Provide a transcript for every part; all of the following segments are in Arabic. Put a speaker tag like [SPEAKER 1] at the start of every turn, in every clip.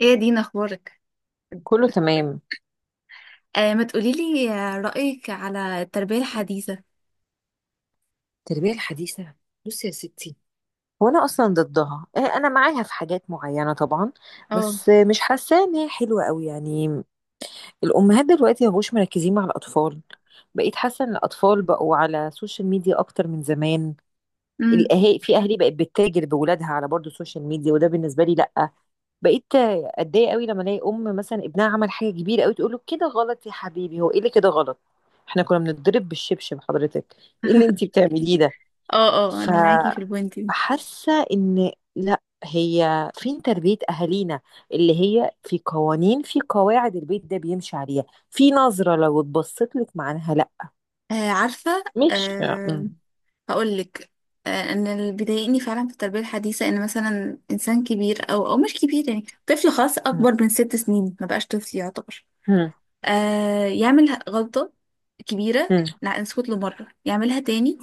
[SPEAKER 1] ايه يا دينا اخبارك
[SPEAKER 2] كله تمام.
[SPEAKER 1] آه، ما تقوليلي، رأيك على التربية الحديثة؟
[SPEAKER 2] التربية الحديثة، بصي يا ستي، وانا اصلا ضدها انا معاها في حاجات معينه طبعا.
[SPEAKER 1] اه.
[SPEAKER 2] بس مش حاسه ان هي حلوه قوي يعني. الامهات دلوقتي مبقوش مركزين مع الاطفال. بقيت حاسه ان الاطفال بقوا على السوشيال ميديا اكتر من زمان.
[SPEAKER 1] امم.
[SPEAKER 2] الاهالي، في اهالي بقت بتتاجر بولادها على برضه السوشيال ميديا، وده بالنسبه لي لا. بقيت اتضايق قوي لما الاقي ام مثلا ابنها عمل حاجه كبيره قوي تقول له كده غلط يا حبيبي. هو ايه اللي كده غلط؟ احنا كنا بنتضرب بالشبشب، حضرتك ايه اللي انتي بتعمليه ده؟
[SPEAKER 1] اه، اه،
[SPEAKER 2] ف
[SPEAKER 1] انا معاكي في البوينت دي.
[SPEAKER 2] فحاسه ان لا، هي فين تربيه اهالينا؟ اللي هي في قوانين، في قواعد البيت ده بيمشي عليها. في نظره لو اتبصت لك معناها لا.
[SPEAKER 1] آه، عارفة.
[SPEAKER 2] مش
[SPEAKER 1] آه، هقولك. ان اللي بيضايقني فعلا في التربية الحديثة ان مثلا انسان كبير او مش كبير، يعني طفل خاص
[SPEAKER 2] م-
[SPEAKER 1] اكبر من 6 سنين ما بقاش طفل يعتبر.
[SPEAKER 2] م-
[SPEAKER 1] يعمل غلطة كبيرة، لا نسكت له مرة يعملها تاني،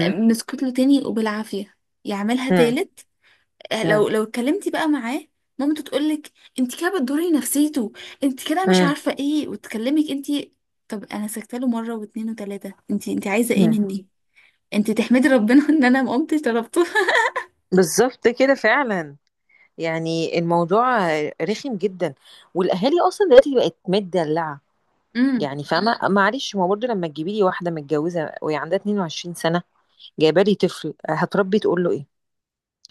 [SPEAKER 1] نسكت له تاني وبالعافية يعملها
[SPEAKER 2] م-
[SPEAKER 1] تالت، آه،
[SPEAKER 2] م-
[SPEAKER 1] لو لو اتكلمتي بقى معاه، مامته تقولك انت كده بتضري نفسيته، انت كده مش
[SPEAKER 2] م-
[SPEAKER 1] عارفه ايه وتكلمك انت. طب انا سكت له مره واتنين وتلاته، انت عايزه ايه
[SPEAKER 2] م.
[SPEAKER 1] مني؟ انت تحمدي ربنا ان انا ما قمتش ضربته.
[SPEAKER 2] بالظبط كده فعلا. يعني الموضوع رخم جدا. والاهالي اصلا دلوقتي بقت متدلعه.
[SPEAKER 1] امم،
[SPEAKER 2] يعني فاهمه، معلش، ما برضه لما تجيبي لي واحده متجوزه وهي عندها 22 سنه، جايبه لي طفل هتربي، تقول له ايه؟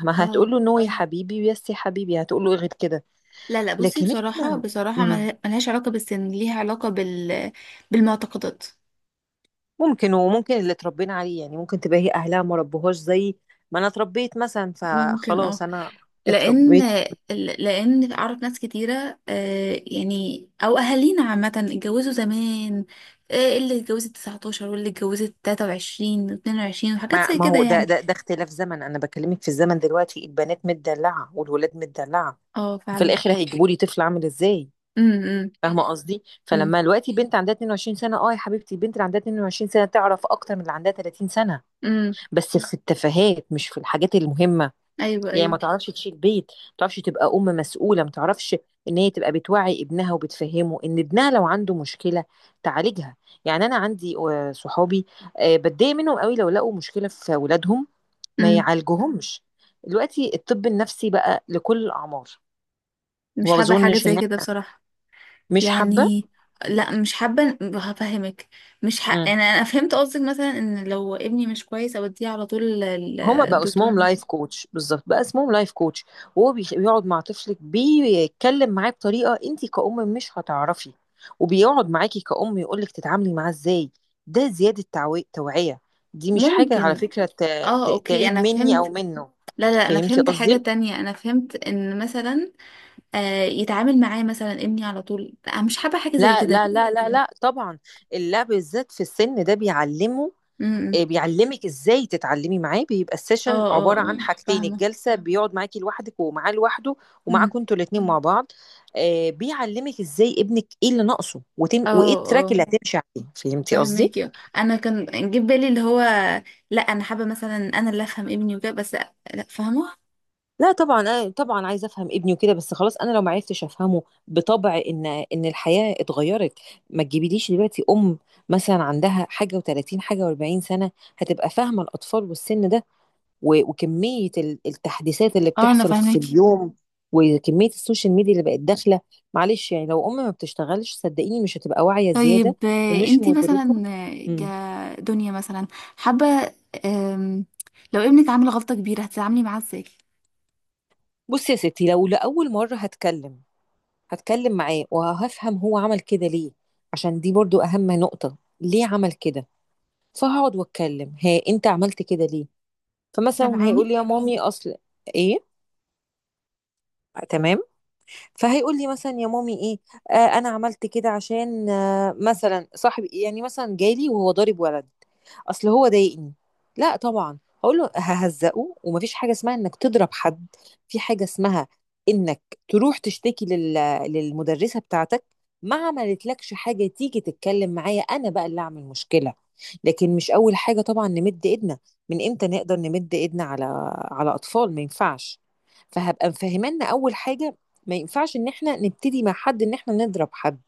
[SPEAKER 2] ما
[SPEAKER 1] اه.
[SPEAKER 2] هتقول له نو يا حبيبي، ويس يا حبيبي، هتقول له إيه غير كده؟
[SPEAKER 1] لا، لا، بصي
[SPEAKER 2] لكن
[SPEAKER 1] بصراحه،
[SPEAKER 2] احنا.
[SPEAKER 1] بصراحه
[SPEAKER 2] مم.
[SPEAKER 1] ملهاش علاقه بالسن، ليها علاقه بالمعتقدات.
[SPEAKER 2] ممكن، وممكن اللي اتربينا عليه يعني، ممكن تبقى هي اهلها ما ربوهاش زي ما انا اتربيت مثلا،
[SPEAKER 1] ممكن،
[SPEAKER 2] فخلاص
[SPEAKER 1] اه.
[SPEAKER 2] انا
[SPEAKER 1] لان
[SPEAKER 2] اتربيت.
[SPEAKER 1] لان اعرف ناس كتيره، يعني او اهالينا عامه اتجوزوا زمان، اللي اتجوزت 19 واللي اتجوزت 23 و22 وحاجات
[SPEAKER 2] ما,
[SPEAKER 1] زي
[SPEAKER 2] ما
[SPEAKER 1] كده
[SPEAKER 2] هو ده,
[SPEAKER 1] يعني.
[SPEAKER 2] ده ده اختلاف زمن. انا بكلمك في الزمن دلوقتي، البنات متدلعه والولاد متدلعه.
[SPEAKER 1] اه،
[SPEAKER 2] في
[SPEAKER 1] فعلا.
[SPEAKER 2] الاخر هيجيبوا لي طفل عامل ازاي؟
[SPEAKER 1] امم،
[SPEAKER 2] فاهمه قصدي؟
[SPEAKER 1] امم،
[SPEAKER 2] فلما دلوقتي بنت عندها 22 سنه، اه يا حبيبتي، البنت اللي عندها 22 سنه تعرف اكتر من اللي عندها 30 سنه.
[SPEAKER 1] امم.
[SPEAKER 2] بس في التفاهات، مش في الحاجات المهمه.
[SPEAKER 1] ايوه،
[SPEAKER 2] يعني ما
[SPEAKER 1] ايوه.
[SPEAKER 2] تعرفش تشيل بيت، ما تعرفش تبقى ام مسؤوله، ما تعرفش ان هي تبقى بتوعي ابنها وبتفهمه ان ابنها لو عنده مشكله تعالجها. يعني انا عندي صحابي، بتضايق منهم قوي لو لقوا مشكله في اولادهم ما
[SPEAKER 1] امم.
[SPEAKER 2] يعالجوهمش. دلوقتي الطب النفسي بقى لكل الاعمار.
[SPEAKER 1] مش
[SPEAKER 2] وما
[SPEAKER 1] حابه حاجه
[SPEAKER 2] بظنش ان
[SPEAKER 1] زي كده بصراحه،
[SPEAKER 2] مش حابه.
[SPEAKER 1] يعني لا مش حابه، هفهمك. مش ح... يعني انا فهمت قصدك مثلا ان لو ابني مش كويس اوديه على طول
[SPEAKER 2] هما بقى
[SPEAKER 1] الدكتور
[SPEAKER 2] اسمهم
[SPEAKER 1] النفسي.
[SPEAKER 2] لايف كوتش، بالظبط بقى اسمهم لايف كوتش. وهو بيقعد مع طفلك، بيتكلم معاه بطريقه انت كأم مش هتعرفي. وبيقعد معاكي كأم يقولك تتعاملي معاه ازاي. ده زياده توعيه. دي مش حاجه على
[SPEAKER 1] ممكن،
[SPEAKER 2] فكره
[SPEAKER 1] اه، اوكي،
[SPEAKER 2] تعيب
[SPEAKER 1] انا
[SPEAKER 2] مني او
[SPEAKER 1] فهمت.
[SPEAKER 2] منه.
[SPEAKER 1] لا، لا، انا
[SPEAKER 2] فهمتي
[SPEAKER 1] فهمت حاجة
[SPEAKER 2] قصدي؟
[SPEAKER 1] تانية، انا فهمت ان مثلا آه يتعامل معايا مثلا ابني على طول، لا أنا مش حابة حاجة زي
[SPEAKER 2] لا،
[SPEAKER 1] كده.
[SPEAKER 2] لا، لا، لا، لا طبعا. اللعب بالذات في السن ده بيعلمه.
[SPEAKER 1] امم.
[SPEAKER 2] بيعلمك ازاي تتعلمي معاه. بيبقى
[SPEAKER 1] اه،
[SPEAKER 2] السيشن
[SPEAKER 1] اه،
[SPEAKER 2] عباره عن
[SPEAKER 1] اه،
[SPEAKER 2] حاجتين:
[SPEAKER 1] فاهمة.
[SPEAKER 2] الجلسه بيقعد معاكي لوحدك، ومعاه لوحده،
[SPEAKER 1] امم.
[SPEAKER 2] ومعاكم انتوا الاثنين مع بعض. بيعلمك ازاي ابنك ايه اللي ناقصه وتم،
[SPEAKER 1] اه،
[SPEAKER 2] وايه التراك
[SPEAKER 1] اه،
[SPEAKER 2] اللي هتمشي عليه. فهمتي قصدي؟
[SPEAKER 1] فهماكي، اه. انا كان جه في بالي اللي هو، لا انا حابة مثلا انا اللي افهم ابني وكده، بس لا، لا، فاهمة.
[SPEAKER 2] لا طبعا، أنا طبعا عايزه افهم ابني وكده، بس خلاص انا لو ما عرفتش افهمه، بطبع ان الحياه اتغيرت. ما تجيبيليش دلوقتي ام مثلا عندها حاجه و30 حاجه و40 سنه، هتبقى فاهمه الاطفال والسن ده، وكمية التحديثات اللي
[SPEAKER 1] اه، انا
[SPEAKER 2] بتحصل في
[SPEAKER 1] فاهماكي.
[SPEAKER 2] اليوم، وكمية السوشيال ميديا اللي بقت داخلة. معلش يعني لو أم ما بتشتغلش، صدقيني مش هتبقى واعية
[SPEAKER 1] طيب،
[SPEAKER 2] زيادة ومش
[SPEAKER 1] انتي
[SPEAKER 2] مدركة.
[SPEAKER 1] مثلا،
[SPEAKER 2] امم.
[SPEAKER 1] كدنيا مثلا، حابة، آم، لو ابنك عامل غلطة كبيرة هتتعاملي معاه ازاي؟
[SPEAKER 2] بصي يا ستي، لو لأول مرة، هتكلم معاه وهفهم هو عمل كده ليه. عشان دي برضو أهم نقطة، ليه عمل كده. فهقعد واتكلم: ها، انت عملت كده ليه؟ فمثلا هيقول
[SPEAKER 1] سامعاني؟
[SPEAKER 2] لي يا مامي اصل... ايه؟ تمام. فهيقول لي مثلا يا مامي ايه، انا عملت كده عشان مثلا صاحبي، يعني مثلا جالي وهو ضارب ولد، اصل هو ضايقني. لا طبعا، هقول له ههزقه ومفيش حاجه اسمها انك تضرب حد. في حاجه اسمها انك تروح تشتكي للمدرسه بتاعتك. ما عملتلكش حاجه، تيجي تتكلم معايا، انا بقى اللي اعمل مشكله. لكن مش اول حاجه طبعا نمد ايدنا. من امتى نقدر نمد ايدنا على اطفال؟ ما ينفعش. فهبقى مفهمانا اول حاجه: ما ينفعش ان احنا نبتدي مع حد، ان احنا نضرب حد،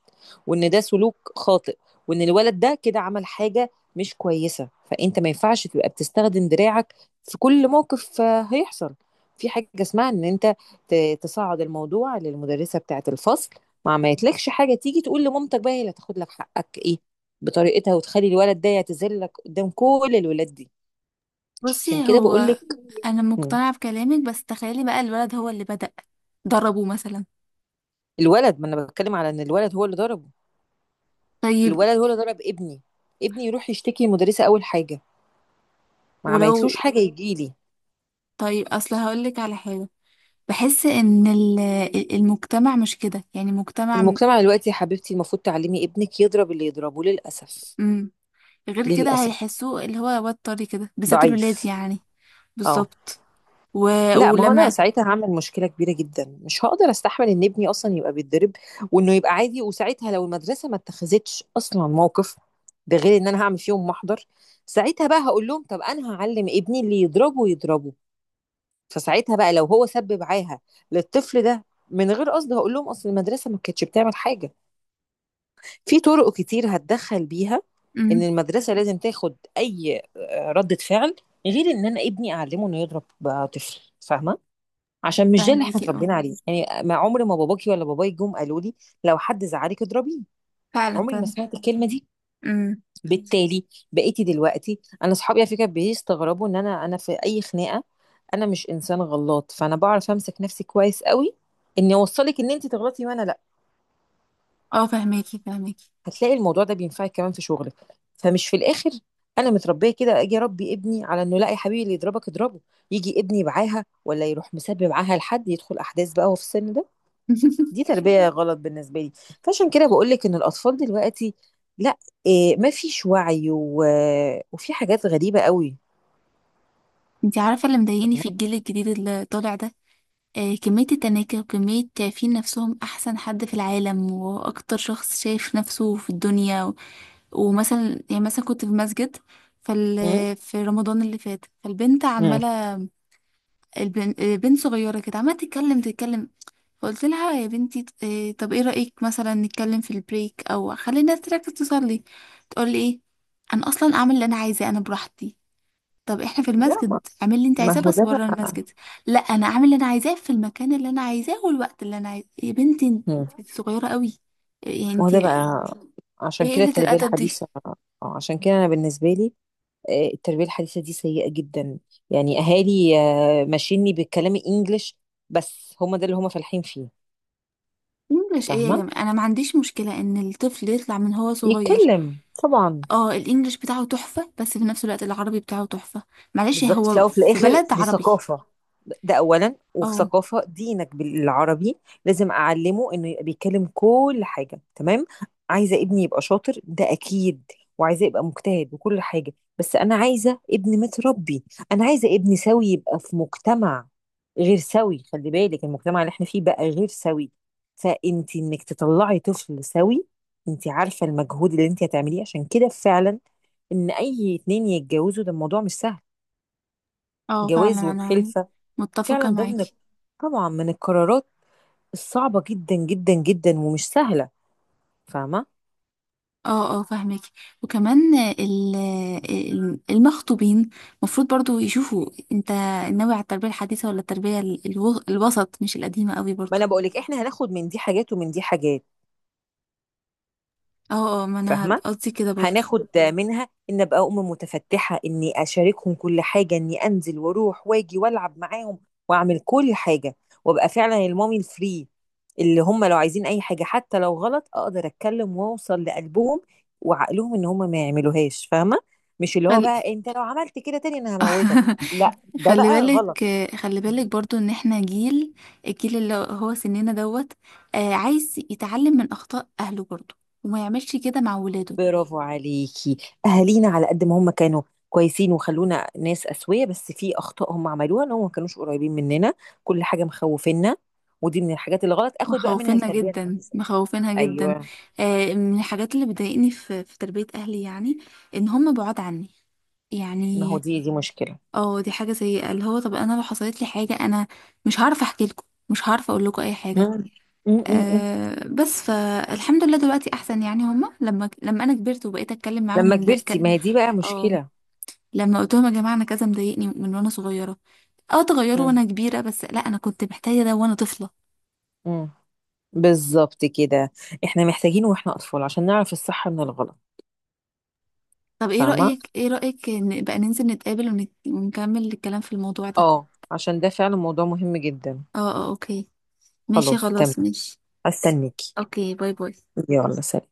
[SPEAKER 2] وان ده سلوك خاطئ، وان الولد ده كده عمل حاجة مش كويسة، فانت ما ينفعش تبقى بتستخدم دراعك في كل موقف هيحصل. في حاجة اسمها ان انت تصعد الموضوع للمدرسة بتاعة الفصل، مع ما عملتلكش حاجة، تيجي تقول لمامتك، بقى هي اللي هتاخد لك حقك ايه بطريقتها وتخلي الولد ده يعتذر لك قدام كل الولاد دي. عشان
[SPEAKER 1] بصي
[SPEAKER 2] كده بقول
[SPEAKER 1] هو
[SPEAKER 2] لك.
[SPEAKER 1] انا مقتنعه بكلامك، بس تخيلي بقى الولد هو اللي بدأ ضربه مثلا.
[SPEAKER 2] الولد، ما انا بتكلم على ان الولد هو اللي ضرب.
[SPEAKER 1] طيب
[SPEAKER 2] الولد هو اللي ضرب ابني، ابني يروح يشتكي المدرسة أول حاجة، ما
[SPEAKER 1] ولو
[SPEAKER 2] عملتلوش حاجة يجيلي.
[SPEAKER 1] طيب اصل هقولك على حاجه، بحس ان المجتمع مش كده، يعني مجتمع.
[SPEAKER 2] المجتمع دلوقتي يا حبيبتي، المفروض تعلمي ابنك يضرب اللي يضربه للأسف.
[SPEAKER 1] امم. غير كده
[SPEAKER 2] للأسف،
[SPEAKER 1] هيحسوه اللي هو واد طري كده، بالذات الولاد
[SPEAKER 2] ضعيف.
[SPEAKER 1] يعني.
[SPEAKER 2] اه،
[SPEAKER 1] بالظبط. و...
[SPEAKER 2] لا، ما هو انا
[SPEAKER 1] ولما.
[SPEAKER 2] ساعتها هعمل مشكله كبيره جدا، مش هقدر استحمل ان ابني اصلا يبقى بيتضرب وانه يبقى عادي. وساعتها لو المدرسه ما اتخذتش اصلا موقف، ده غير ان انا هعمل فيهم محضر. ساعتها بقى هقول لهم طب انا هعلم ابني اللي يضربه يضربه. فساعتها بقى لو هو سب معاها للطفل ده من غير قصد، هقول لهم اصل المدرسه ما كانتش بتعمل حاجه. في طرق كتير هتدخل بيها ان
[SPEAKER 1] امم.
[SPEAKER 2] المدرسه لازم تاخد اي ردة فعل، غير ان انا ابني اعلمه انه يضرب بقى طفل. فاهمه؟ عشان مش ده اللي احنا
[SPEAKER 1] فهماكي، اه،
[SPEAKER 2] اتربينا عليه يعني، ما عمري، ما باباكي ولا باباي جم قالوا لي لو حد زعلك اضربيه.
[SPEAKER 1] فعلا،
[SPEAKER 2] عمري ما
[SPEAKER 1] فعلا.
[SPEAKER 2] سمعت الكلمه دي.
[SPEAKER 1] امم.
[SPEAKER 2] بالتالي. بقيتي دلوقتي، انا اصحابي على فكره بيستغربوا ان انا في اي خناقه. انا مش انسان غلاط، فانا بعرف امسك نفسي كويس قوي، اني اوصلك ان انت تغلطي وانا لا.
[SPEAKER 1] اه، فهماكي، فهماكي
[SPEAKER 2] هتلاقي الموضوع ده بينفعك كمان في شغلك. فمش في الاخر انا متربيه كده، اجي اربي ابني على انه لا يا حبيبي اللي يضربك اضربه. يجي ابني معاها، ولا يروح مسبب معاها لحد يدخل احداث بقى وهو في السن ده. دي تربيه غلط بالنسبه لي. فعشان كده بقول لك ان الاطفال دلوقتي لا. إيه، ما فيش وعي وفي حاجات غريبه قوي.
[SPEAKER 1] انتي عارفه اللي مضايقني في الجيل الجديد اللي طالع ده، كمية التناكر وكمية شايفين نفسهم أحسن حد في العالم وأكتر شخص شايف نفسه في الدنيا ومثلا، يعني مثلا كنت في مسجد، فال
[SPEAKER 2] امم.
[SPEAKER 1] في رمضان اللي فات، فالبنت
[SPEAKER 2] امم.
[SPEAKER 1] عمالة، البنت صغيرة كده عمالة تتكلم تتكلم. فقلت لها يا بنتي، طب ايه رأيك مثلا نتكلم في البريك أو خلي الناس تركز تصلي. تقول لي ايه؟ أنا أصلا أعمل اللي أنا عايزاه أنا براحتي. طب احنا في
[SPEAKER 2] لا، ما
[SPEAKER 1] المسجد، اعمل اللي انت
[SPEAKER 2] ما
[SPEAKER 1] عايزاه
[SPEAKER 2] هو
[SPEAKER 1] بس
[SPEAKER 2] ده
[SPEAKER 1] بره
[SPEAKER 2] بقى.
[SPEAKER 1] المسجد. لا، انا اعمل اللي انا عايزاه في المكان اللي انا عايزاه والوقت اللي انا عايزاه يا بنتي،
[SPEAKER 2] مم.
[SPEAKER 1] انت صغيره قوي، يعني
[SPEAKER 2] ما هو
[SPEAKER 1] انت.
[SPEAKER 2] ده بقى. عشان
[SPEAKER 1] ايه
[SPEAKER 2] كده
[SPEAKER 1] قله
[SPEAKER 2] التربية
[SPEAKER 1] الادب دي؟
[SPEAKER 2] الحديثة، اه. عشان كده أنا بالنسبة لي، التربية الحديثة دي سيئة جدا. يعني أهالي ماشيني بالكلام الإنجليش، بس هما ده اللي هما فالحين فيه.
[SPEAKER 1] انجلش ايه يا
[SPEAKER 2] فاهمة،
[SPEAKER 1] جماعه؟ انا ما عنديش مشكله ان الطفل يطلع من هو صغير،
[SPEAKER 2] يتكلم طبعا.
[SPEAKER 1] اه الانجليش بتاعه تحفه، بس في نفس الوقت العربي بتاعه تحفه، معلش
[SPEAKER 2] بالظبط، في
[SPEAKER 1] هو
[SPEAKER 2] الاول وفي
[SPEAKER 1] في
[SPEAKER 2] الاخر
[SPEAKER 1] بلد
[SPEAKER 2] دي
[SPEAKER 1] عربي.
[SPEAKER 2] ثقافه. ده اولا، وفي
[SPEAKER 1] اه،
[SPEAKER 2] ثقافه دينك بالعربي. لازم اعلمه انه يبقى بيتكلم كل حاجه تمام. عايزه ابني يبقى شاطر، ده اكيد، وعايزه يبقى مجتهد وكل حاجه، بس انا عايزه ابني متربي. انا عايزه ابني سوي يبقى في مجتمع غير سوي. خلي بالك، المجتمع اللي احنا فيه بقى غير سوي. فانت، انك تطلعي طفل سوي، انت عارفه المجهود اللي انت هتعمليه. عشان كده فعلا، ان اي اتنين يتجوزوا، ده الموضوع مش سهل.
[SPEAKER 1] اه،
[SPEAKER 2] جواز
[SPEAKER 1] فعلا، انا
[SPEAKER 2] والخلفة، فعلا
[SPEAKER 1] متفقه
[SPEAKER 2] ده من،
[SPEAKER 1] معاكي.
[SPEAKER 2] طبعا، من القرارات الصعبة جدا جدا جدا ومش سهلة. فاهمة.
[SPEAKER 1] اه، اه، فاهمك. وكمان المخطوبين المفروض برضو يشوفوا انت ناوي على التربية الحديثة ولا التربية الوسط، مش القديمة قوي
[SPEAKER 2] ما
[SPEAKER 1] برضو.
[SPEAKER 2] انا بقولك، احنا هناخد من دي حاجات ومن دي حاجات.
[SPEAKER 1] اه، اه، ما انا
[SPEAKER 2] فاهمة.
[SPEAKER 1] قصدي كده برضو.
[SPEAKER 2] هناخد منها ان ابقى ام متفتحه، اني اشاركهم كل حاجه، اني انزل واروح واجي والعب معاهم، واعمل كل حاجه، وابقى فعلا المامي الفري، اللي هم لو عايزين اي حاجه حتى لو غلط اقدر اتكلم واوصل لقلبهم وعقلهم ان هم ما يعملوهاش. فاهمه؟ مش اللي هو
[SPEAKER 1] خل...
[SPEAKER 2] بقى انت لو عملت كده تاني انا هموتك. لا، ده
[SPEAKER 1] خلي
[SPEAKER 2] بقى
[SPEAKER 1] بالك،
[SPEAKER 2] غلط.
[SPEAKER 1] خلي بالك برضو ان احنا جيل، الجيل اللي هو سننا دوت، عايز يتعلم من اخطاء اهله برضو وما يعملش كده مع ولاده.
[SPEAKER 2] برافو عليكي. اهالينا على قد ما هم كانوا كويسين وخلونا ناس اسويه، بس في اخطاء هم عملوها، ان هم ما كانوش قريبين مننا. كل حاجه مخوفينا. ودي من الحاجات اللي غلط، اخد بقى منها
[SPEAKER 1] مخوفينها
[SPEAKER 2] التربيه
[SPEAKER 1] جدا،
[SPEAKER 2] الحديثه.
[SPEAKER 1] مخوفينها جدا.
[SPEAKER 2] ايوه،
[SPEAKER 1] من الحاجات اللي بتضايقني في تربية أهلي، يعني إن هم بعاد عني،
[SPEAKER 2] ما
[SPEAKER 1] يعني.
[SPEAKER 2] هو دي مشكله.
[SPEAKER 1] اه، دي حاجة سيئة، اللي هو طب أنا لو حصلت لي حاجة، أنا مش هعرف أحكي لكم، مش هعرف أقول لكم أي حاجة.
[SPEAKER 2] مم. م -م -م.
[SPEAKER 1] أه، بس فالحمد لله دلوقتي أحسن، يعني هم لما أنا كبرت وبقيت أتكلم معاهم
[SPEAKER 2] لما
[SPEAKER 1] من دق.
[SPEAKER 2] كبرتي، ما هي دي بقى
[SPEAKER 1] اه،
[SPEAKER 2] مشكله.
[SPEAKER 1] لما قلت لهم يا جماعة أنا كذا مضايقني من وأنا صغيرة، اه اتغيروا
[SPEAKER 2] م
[SPEAKER 1] وأنا كبيرة، بس لأ أنا كنت محتاجة ده وأنا طفلة.
[SPEAKER 2] -م. بالظبط كده، احنا محتاجين واحنا اطفال عشان نعرف الصح من الغلط.
[SPEAKER 1] طب ايه
[SPEAKER 2] فاهمه.
[SPEAKER 1] رأيك، إن بقى ننزل نتقابل ونكمل الكلام في الموضوع ده؟
[SPEAKER 2] اه، عشان ده فعلا موضوع مهم جدا.
[SPEAKER 1] اه، اه، اوكي، ماشي،
[SPEAKER 2] خلاص،
[SPEAKER 1] خلاص،
[SPEAKER 2] تمام.
[SPEAKER 1] ماشي.
[SPEAKER 2] هستنيكي.
[SPEAKER 1] اوكي، باي باي.
[SPEAKER 2] يلا، سلام.